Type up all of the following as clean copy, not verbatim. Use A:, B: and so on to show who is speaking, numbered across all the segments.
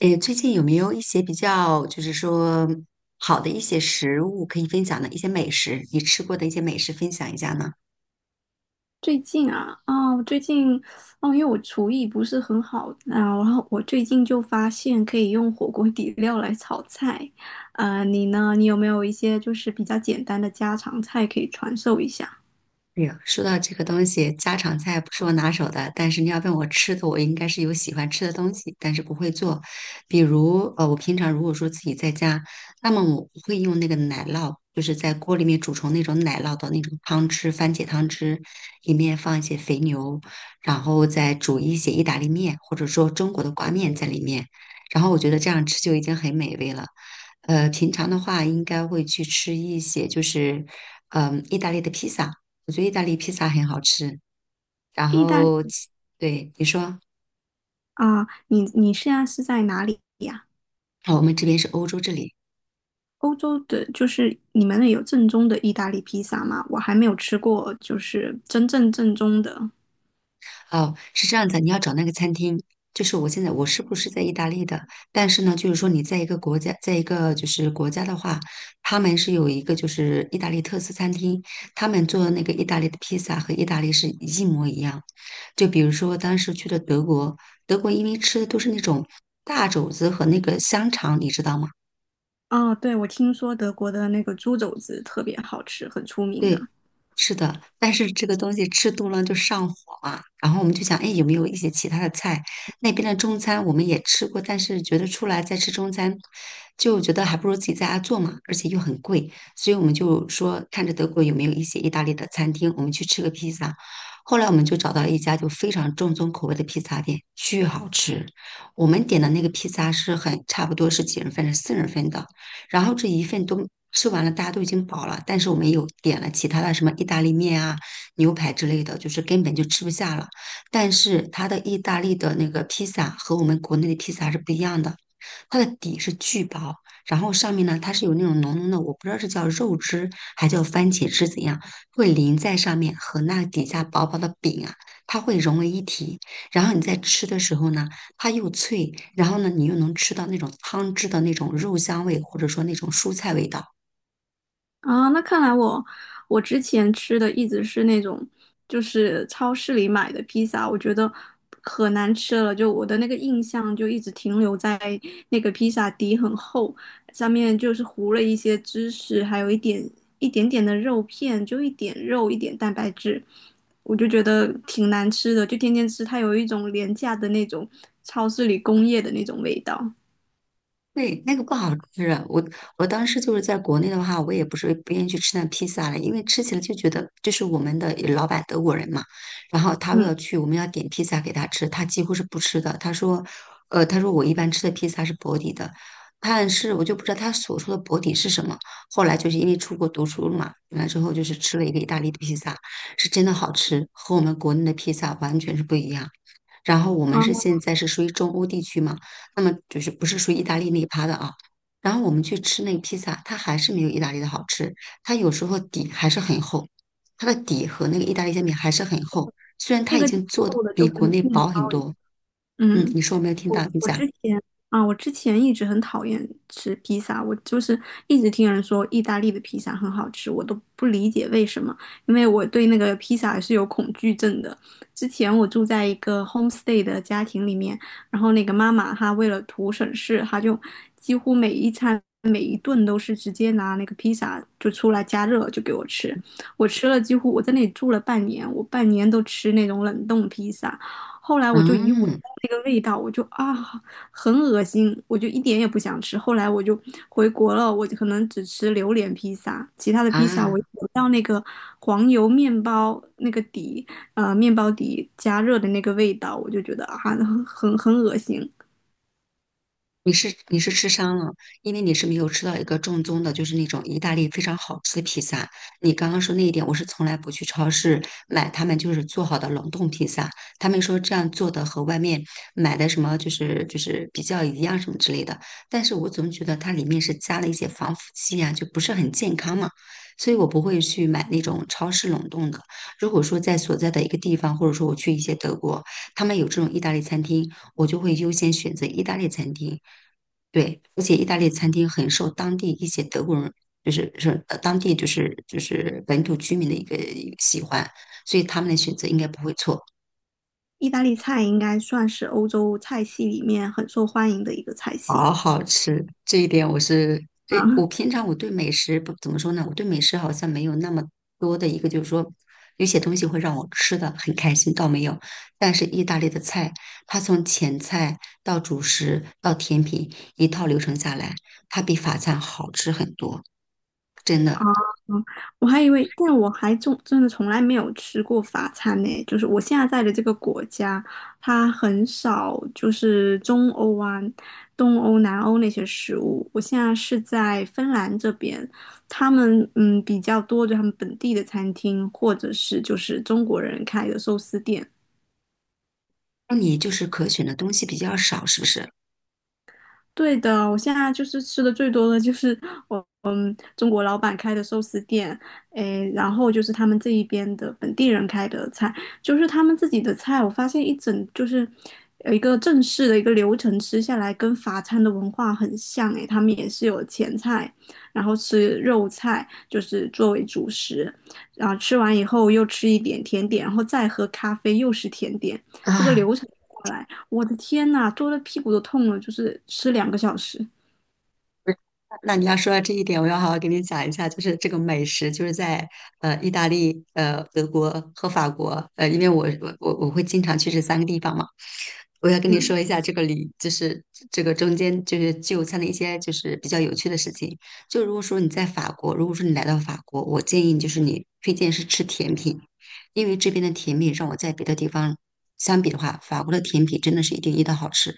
A: 诶，最近有没有一些比较，就是说好的一些食物可以分享的一些美食，你吃过的一些美食分享一下呢？
B: 最近啊，我最近哦，因为我厨艺不是很好啊，然后我最近就发现可以用火锅底料来炒菜。你呢？你有没有一些就是比较简单的家常菜可以传授一下？
A: 哎呀，说到这个东西，家常菜不是我拿手的，但是你要问我吃的，我应该是有喜欢吃的东西，但是不会做。比如，我平常如果说自己在家，那么我会用那个奶酪，就是在锅里面煮成那种奶酪的那种汤汁，番茄汤汁，里面放一些肥牛，然后再煮一些意大利面，或者说中国的挂面在里面，然后我觉得这样吃就已经很美味了。平常的话应该会去吃一些，就是，意大利的披萨。我觉得意大利披萨很好吃。然
B: 意大利。
A: 后对你说，
B: 啊，你现在是在哪里呀？
A: 哦，我们这边是欧洲这里，
B: 欧洲的，就是你们那有正宗的意大利披萨吗？我还没有吃过，就是真正正宗的。
A: 哦，是这样子，你要找那个餐厅，就是我现在我是不是在意大利的？但是呢，就是说你在一个国家，在一个就是国家的话，他们是有一个就是意大利特色餐厅，他们做的那个意大利的披萨和意大利是一模一样。就比如说当时去了德国，德国因为吃的都是那种大肘子和那个香肠，你知道吗？
B: 哦，对，我听说德国的那个猪肘子特别好吃，很出名的。
A: 对，是的，但是这个东西吃多了就上火嘛。然后我们就想，哎，有没有一些其他的菜？那边的中餐我们也吃过，但是觉得出来再吃中餐，就觉得还不如自己在家做嘛，而且又很贵，所以我们就说，看着德国有没有一些意大利的餐厅，我们去吃个披萨。后来我们就找到了一家就非常正宗口味的披萨店，巨好吃。我们点的那个披萨是很差不多是几人份，是四人份的。然后这一份都吃完了，大家都已经饱了，但是我们有点了其他的什么意大利面啊、牛排之类的，就是根本就吃不下了。但是它的意大利的那个披萨和我们国内的披萨是不一样的，它的底是巨薄，然后上面呢它是有那种浓浓的，我不知道是叫肉汁还叫番茄汁怎样，会淋在上面和那底下薄薄的饼啊，它会融为一体。然后你在吃的时候呢，它又脆，然后呢，你又能吃到那种汤汁的那种肉香味，或者说那种蔬菜味道，
B: 啊，那看来我我之前吃的一直是那种，就是超市里买的披萨，我觉得可难吃了。就我的那个印象就一直停留在那个披萨底很厚，上面就是糊了一些芝士，还有一点一点点的肉片，就一点肉一点蛋白质，我就觉得挺难吃的。就天天吃，它有一种廉价的那种超市里工业的那种味道。
A: 对，那个不好吃。我当时就是在国内的话，我也不是不愿意去吃那披萨了，因为吃起来就觉得，就是我们的老板德国人嘛，然后他
B: 嗯，
A: 要去，我们要点披萨给他吃，他几乎是不吃的。他说我一般吃的披萨是薄底的，但是我就不知道他所说的薄底是什么。后来就是因为出国读书了嘛，完了之后就是吃了一个意大利的披萨，是真的好吃，和我们国内的披萨完全是不一样。然后我们
B: 啊，
A: 是现在是属于中欧地区嘛。那么就是不是属于意大利那一趴的啊。然后我们去吃那个披萨，它还是没有意大利的好吃，它有时候底还是很厚，它的底和那个意大利煎饼还是很厚，虽然它
B: 那
A: 已
B: 个
A: 经做的
B: 厚的
A: 比
B: 就
A: 国
B: 跟
A: 内
B: 面
A: 薄很
B: 包一样。
A: 多。
B: 嗯。
A: 你说我没有听
B: 我
A: 到，你
B: 我之
A: 讲，
B: 前啊，我之前一直很讨厌吃披萨，我就是一直听人说意大利的披萨很好吃，我都不理解为什么，因为我对那个披萨是有恐惧症的。之前我住在一个 homestay 的家庭里面，然后那个妈妈她为了图省事，她就几乎每一餐每一顿都是直接拿那个披萨就出来加热就给我吃，我吃了几乎我在那里住了半年，我半年都吃那种冷冻披萨。后来我就一闻
A: 嗯
B: 到那个味道，我就啊，很恶心，我就一点也不想吃。后来我就回国了，我就可能只吃榴莲披萨，其他的披萨
A: 啊。
B: 我一闻到那个黄油面包那个底，面包底加热的那个味道，我就觉得啊，很恶心。
A: 你是吃伤了，因为你是没有吃到一个正宗的，就是那种意大利非常好吃的披萨。你刚刚说那一点，我是从来不去超市买他们就是做好的冷冻披萨，他们说这样做的和外面买的什么就是比较一样什么之类的。但是我总觉得它里面是加了一些防腐剂啊，就不是很健康嘛，所以我不会去买那种超市冷冻的。如果说在所在的一个地方，或者说我去一些德国，他们有这种意大利餐厅。我就会优先选择意大利餐厅。对，而且意大利餐厅很受当地一些德国人，就是是呃当地就是就是本土居民的一个喜欢，所以他们的选择应该不会错。
B: 意大利菜应该算是欧洲菜系里面很受欢迎的一个菜系。
A: 好好吃，这一点我是，诶，我平常我对美食不怎么说呢，我对美食好像没有那么多的一个，就是说有些东西会让我吃的很开心，倒没有。但是意大利的菜，它从前菜到主食到甜品一套流程下来，它比法餐好吃很多，真的。
B: 嗯，我还以为，但我还真的从来没有吃过法餐呢。就是我现在在的这个国家，它很少就是中欧啊、东欧、南欧那些食物。我现在是在芬兰这边，他们嗯比较多，就他们本地的餐厅，或者是就是中国人开的寿司店。
A: 那你就是可选的东西比较少，是不是？
B: 对的，我现在就是吃的最多的就是 我。中国老板开的寿司店，诶，然后就是他们这一边的本地人开的菜，就是他们自己的菜。我发现一整就是有一个正式的一个流程吃下来，跟法餐的文化很像。诶，他们也是有前菜，然后吃肉菜，就是作为主食，然后吃完以后又吃一点甜点，然后再喝咖啡，又是甜点。这个
A: 啊，
B: 流程下来，我的天呐，坐的屁股都痛了，就是吃两个小时。
A: 不是，那你要说到这一点，我要好好给你讲一下，就是这个美食，就是在意大利、德国和法国，因为我会经常去这三个地方嘛，我要跟你说
B: 嗯
A: 一下这个里，就是这个中间就是就餐的一些就是比较有趣的事情。就如果说你在法国，如果说你来到法国，我建议就是你推荐是吃甜品，因为这边的甜品让我在别的地方相比的话，法国的甜品真的是一点一的好吃。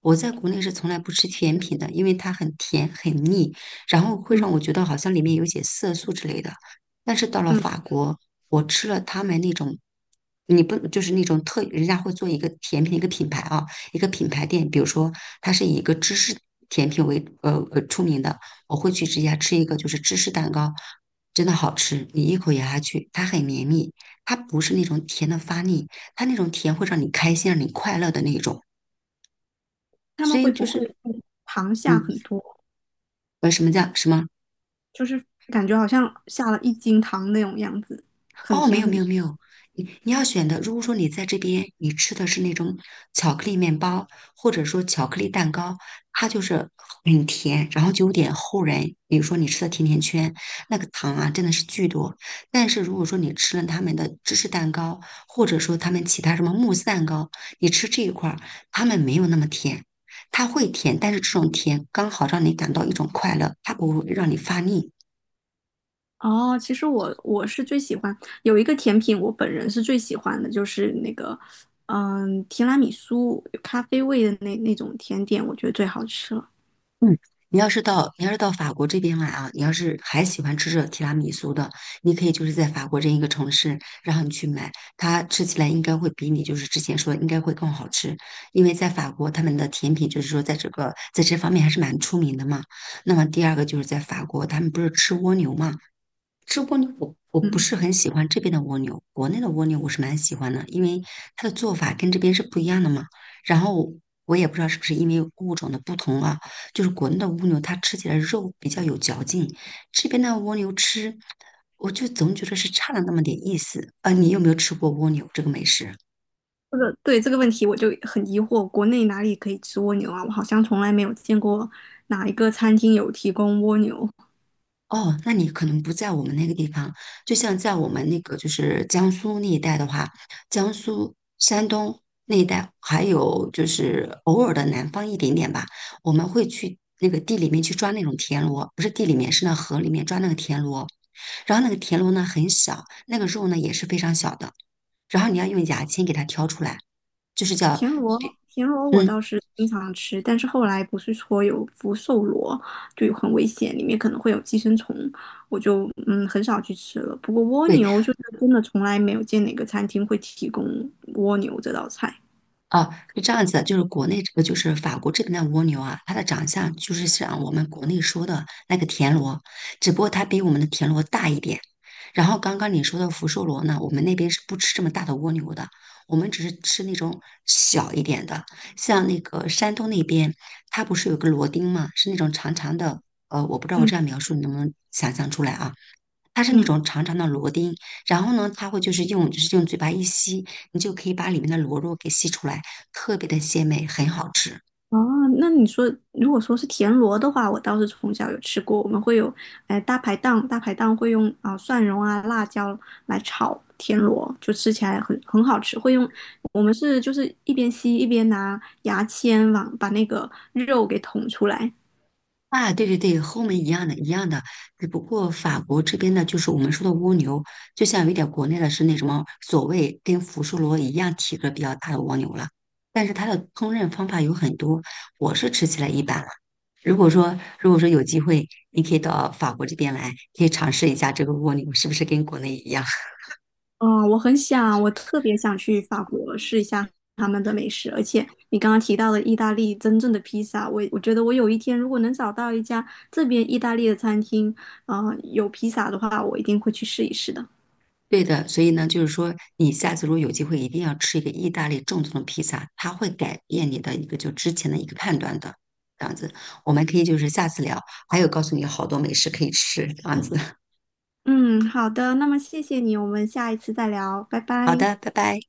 A: 我在国内是从来不吃甜品的，因为它很甜很腻，然后会
B: 嗯。
A: 让我
B: 嗯
A: 觉得好像里面有些色素之类的。但是到了法国，我吃了他们那种，你不就是那种特，人家会做一个甜品的一个品牌啊，一个品牌店，比如说它是以一个芝士甜品为出名的，我会去直接吃一个就是芝士蛋糕，真的好吃，你一口咬下去，它很绵密，它不是那种甜的发腻，它那种甜会让你开心，让你快乐的那种。
B: 他
A: 所
B: 们
A: 以
B: 会
A: 就
B: 不会
A: 是
B: 糖下
A: 嗯，
B: 很多？
A: 什么叫什么？
B: 就是感觉好像下了一斤糖那种样子，很
A: 哦，没
B: 甜
A: 有
B: 很
A: 没有没
B: 甜。
A: 有，你要选的，如果说你在这边你吃的是那种巧克力面包，或者说巧克力蛋糕，它就是很甜，然后就有点齁人。比如说你吃的甜甜圈，那个糖啊真的是巨多。但是如果说你吃了他们的芝士蛋糕，或者说他们其他什么慕斯蛋糕，你吃这一块儿，他们没有那么甜。它会甜，但是这种甜刚好让你感到一种快乐，它不会让你发腻。
B: 哦，其实我是最喜欢有一个甜品，我本人是最喜欢的，就是那个提拉米苏有咖啡味的那种甜点，我觉得最好吃了。
A: 嗯，你要是到法国这边来啊，你要是还喜欢吃这提拉米苏的，你可以就是在法国这一个城市，然后你去买，它吃起来应该会比你就是之前说的应该会更好吃，因为在法国他们的甜品就是说在这个在这方面还是蛮出名的嘛。那么第二个就是在法国，他们不是吃蜗牛嘛，吃蜗牛我不
B: 嗯，
A: 是很喜欢这边的蜗牛，国内的蜗牛我是蛮喜欢的，因为它的做法跟这边是不一样的嘛。然后我也不知道是不是因为物种的不同啊，就是国内的蜗牛它吃起来肉比较有嚼劲，这边的蜗牛吃我就总觉得是差了那么点意思。你有没有吃过蜗牛这个美食？
B: 这个对这个问题我就很疑惑，国内哪里可以吃蜗牛啊？我好像从来没有见过哪一个餐厅有提供蜗牛。
A: 哦，那你可能不在我们那个地方，就像在我们那个就是江苏那一带的话，江苏、山东那一带，还有就是偶尔的南方一点点吧，我们会去那个地里面去抓那种田螺，不是地里面，是那河里面抓那个田螺，然后那个田螺呢很小，那个肉呢也是非常小的，然后你要用牙签给它挑出来，就是叫，
B: 田螺，田螺我
A: 嗯，
B: 倒是经常吃，但是后来不是说有福寿螺，就有很危险，里面可能会有寄生虫，我就很少去吃了。不过蜗
A: 对，
B: 牛就是真的从来没有见哪个餐厅会提供蜗牛这道菜。
A: 啊，是这样子的，就是国内这个就是法国这边的蜗牛啊，它的长相就是像我们国内说的那个田螺，只不过它比我们的田螺大一点。然后刚刚你说的福寿螺呢，我们那边是不吃这么大的蜗牛的，我们只是吃那种小一点的。像那个山东那边，它不是有个螺钉吗？是那种长长的，我不知道我这样
B: 嗯
A: 描述你能不能想象出来啊？它是那
B: 嗯。
A: 种长长的螺钉，然后呢，它会就是用嘴巴一吸，你就可以把里面的螺肉给吸出来，特别的鲜美，很好吃。
B: 哦，那你说，如果说是田螺的话，我倒是从小有吃过。我们会有，哎，大排档，大排档会用啊、蒜蓉啊、辣椒来炒田螺，就吃起来很好吃。会用，我们是就是一边吸一边拿牙签往把那个肉给捅出来。
A: 啊，对对对，和我们一样的，一样的，只不过法国这边的就是我们说的蜗牛，就像有点国内的是那什么所谓跟福寿螺一样体格比较大的蜗牛了，但是它的烹饪方法有很多，我是吃起来一般了。如果说有机会，你可以到法国这边来，可以尝试一下这个蜗牛是不是跟国内一样。
B: 哦，我很想，我特别想去法国试一下他们的美食，而且你刚刚提到的意大利真正的披萨，我觉得我有一天如果能找到一家这边意大利的餐厅，啊，有披萨的话，我一定会去试一试的。
A: 对的，所以呢，就是说，你下次如果有机会，一定要吃一个意大利正宗的披萨，它会改变你的一个就之前的一个判断的。这样子，我们可以就是下次聊，还有告诉你好多美食可以吃，这样子。
B: 嗯，好的，那么谢谢你，我们下一次再聊，拜
A: 好
B: 拜。
A: 的，拜拜。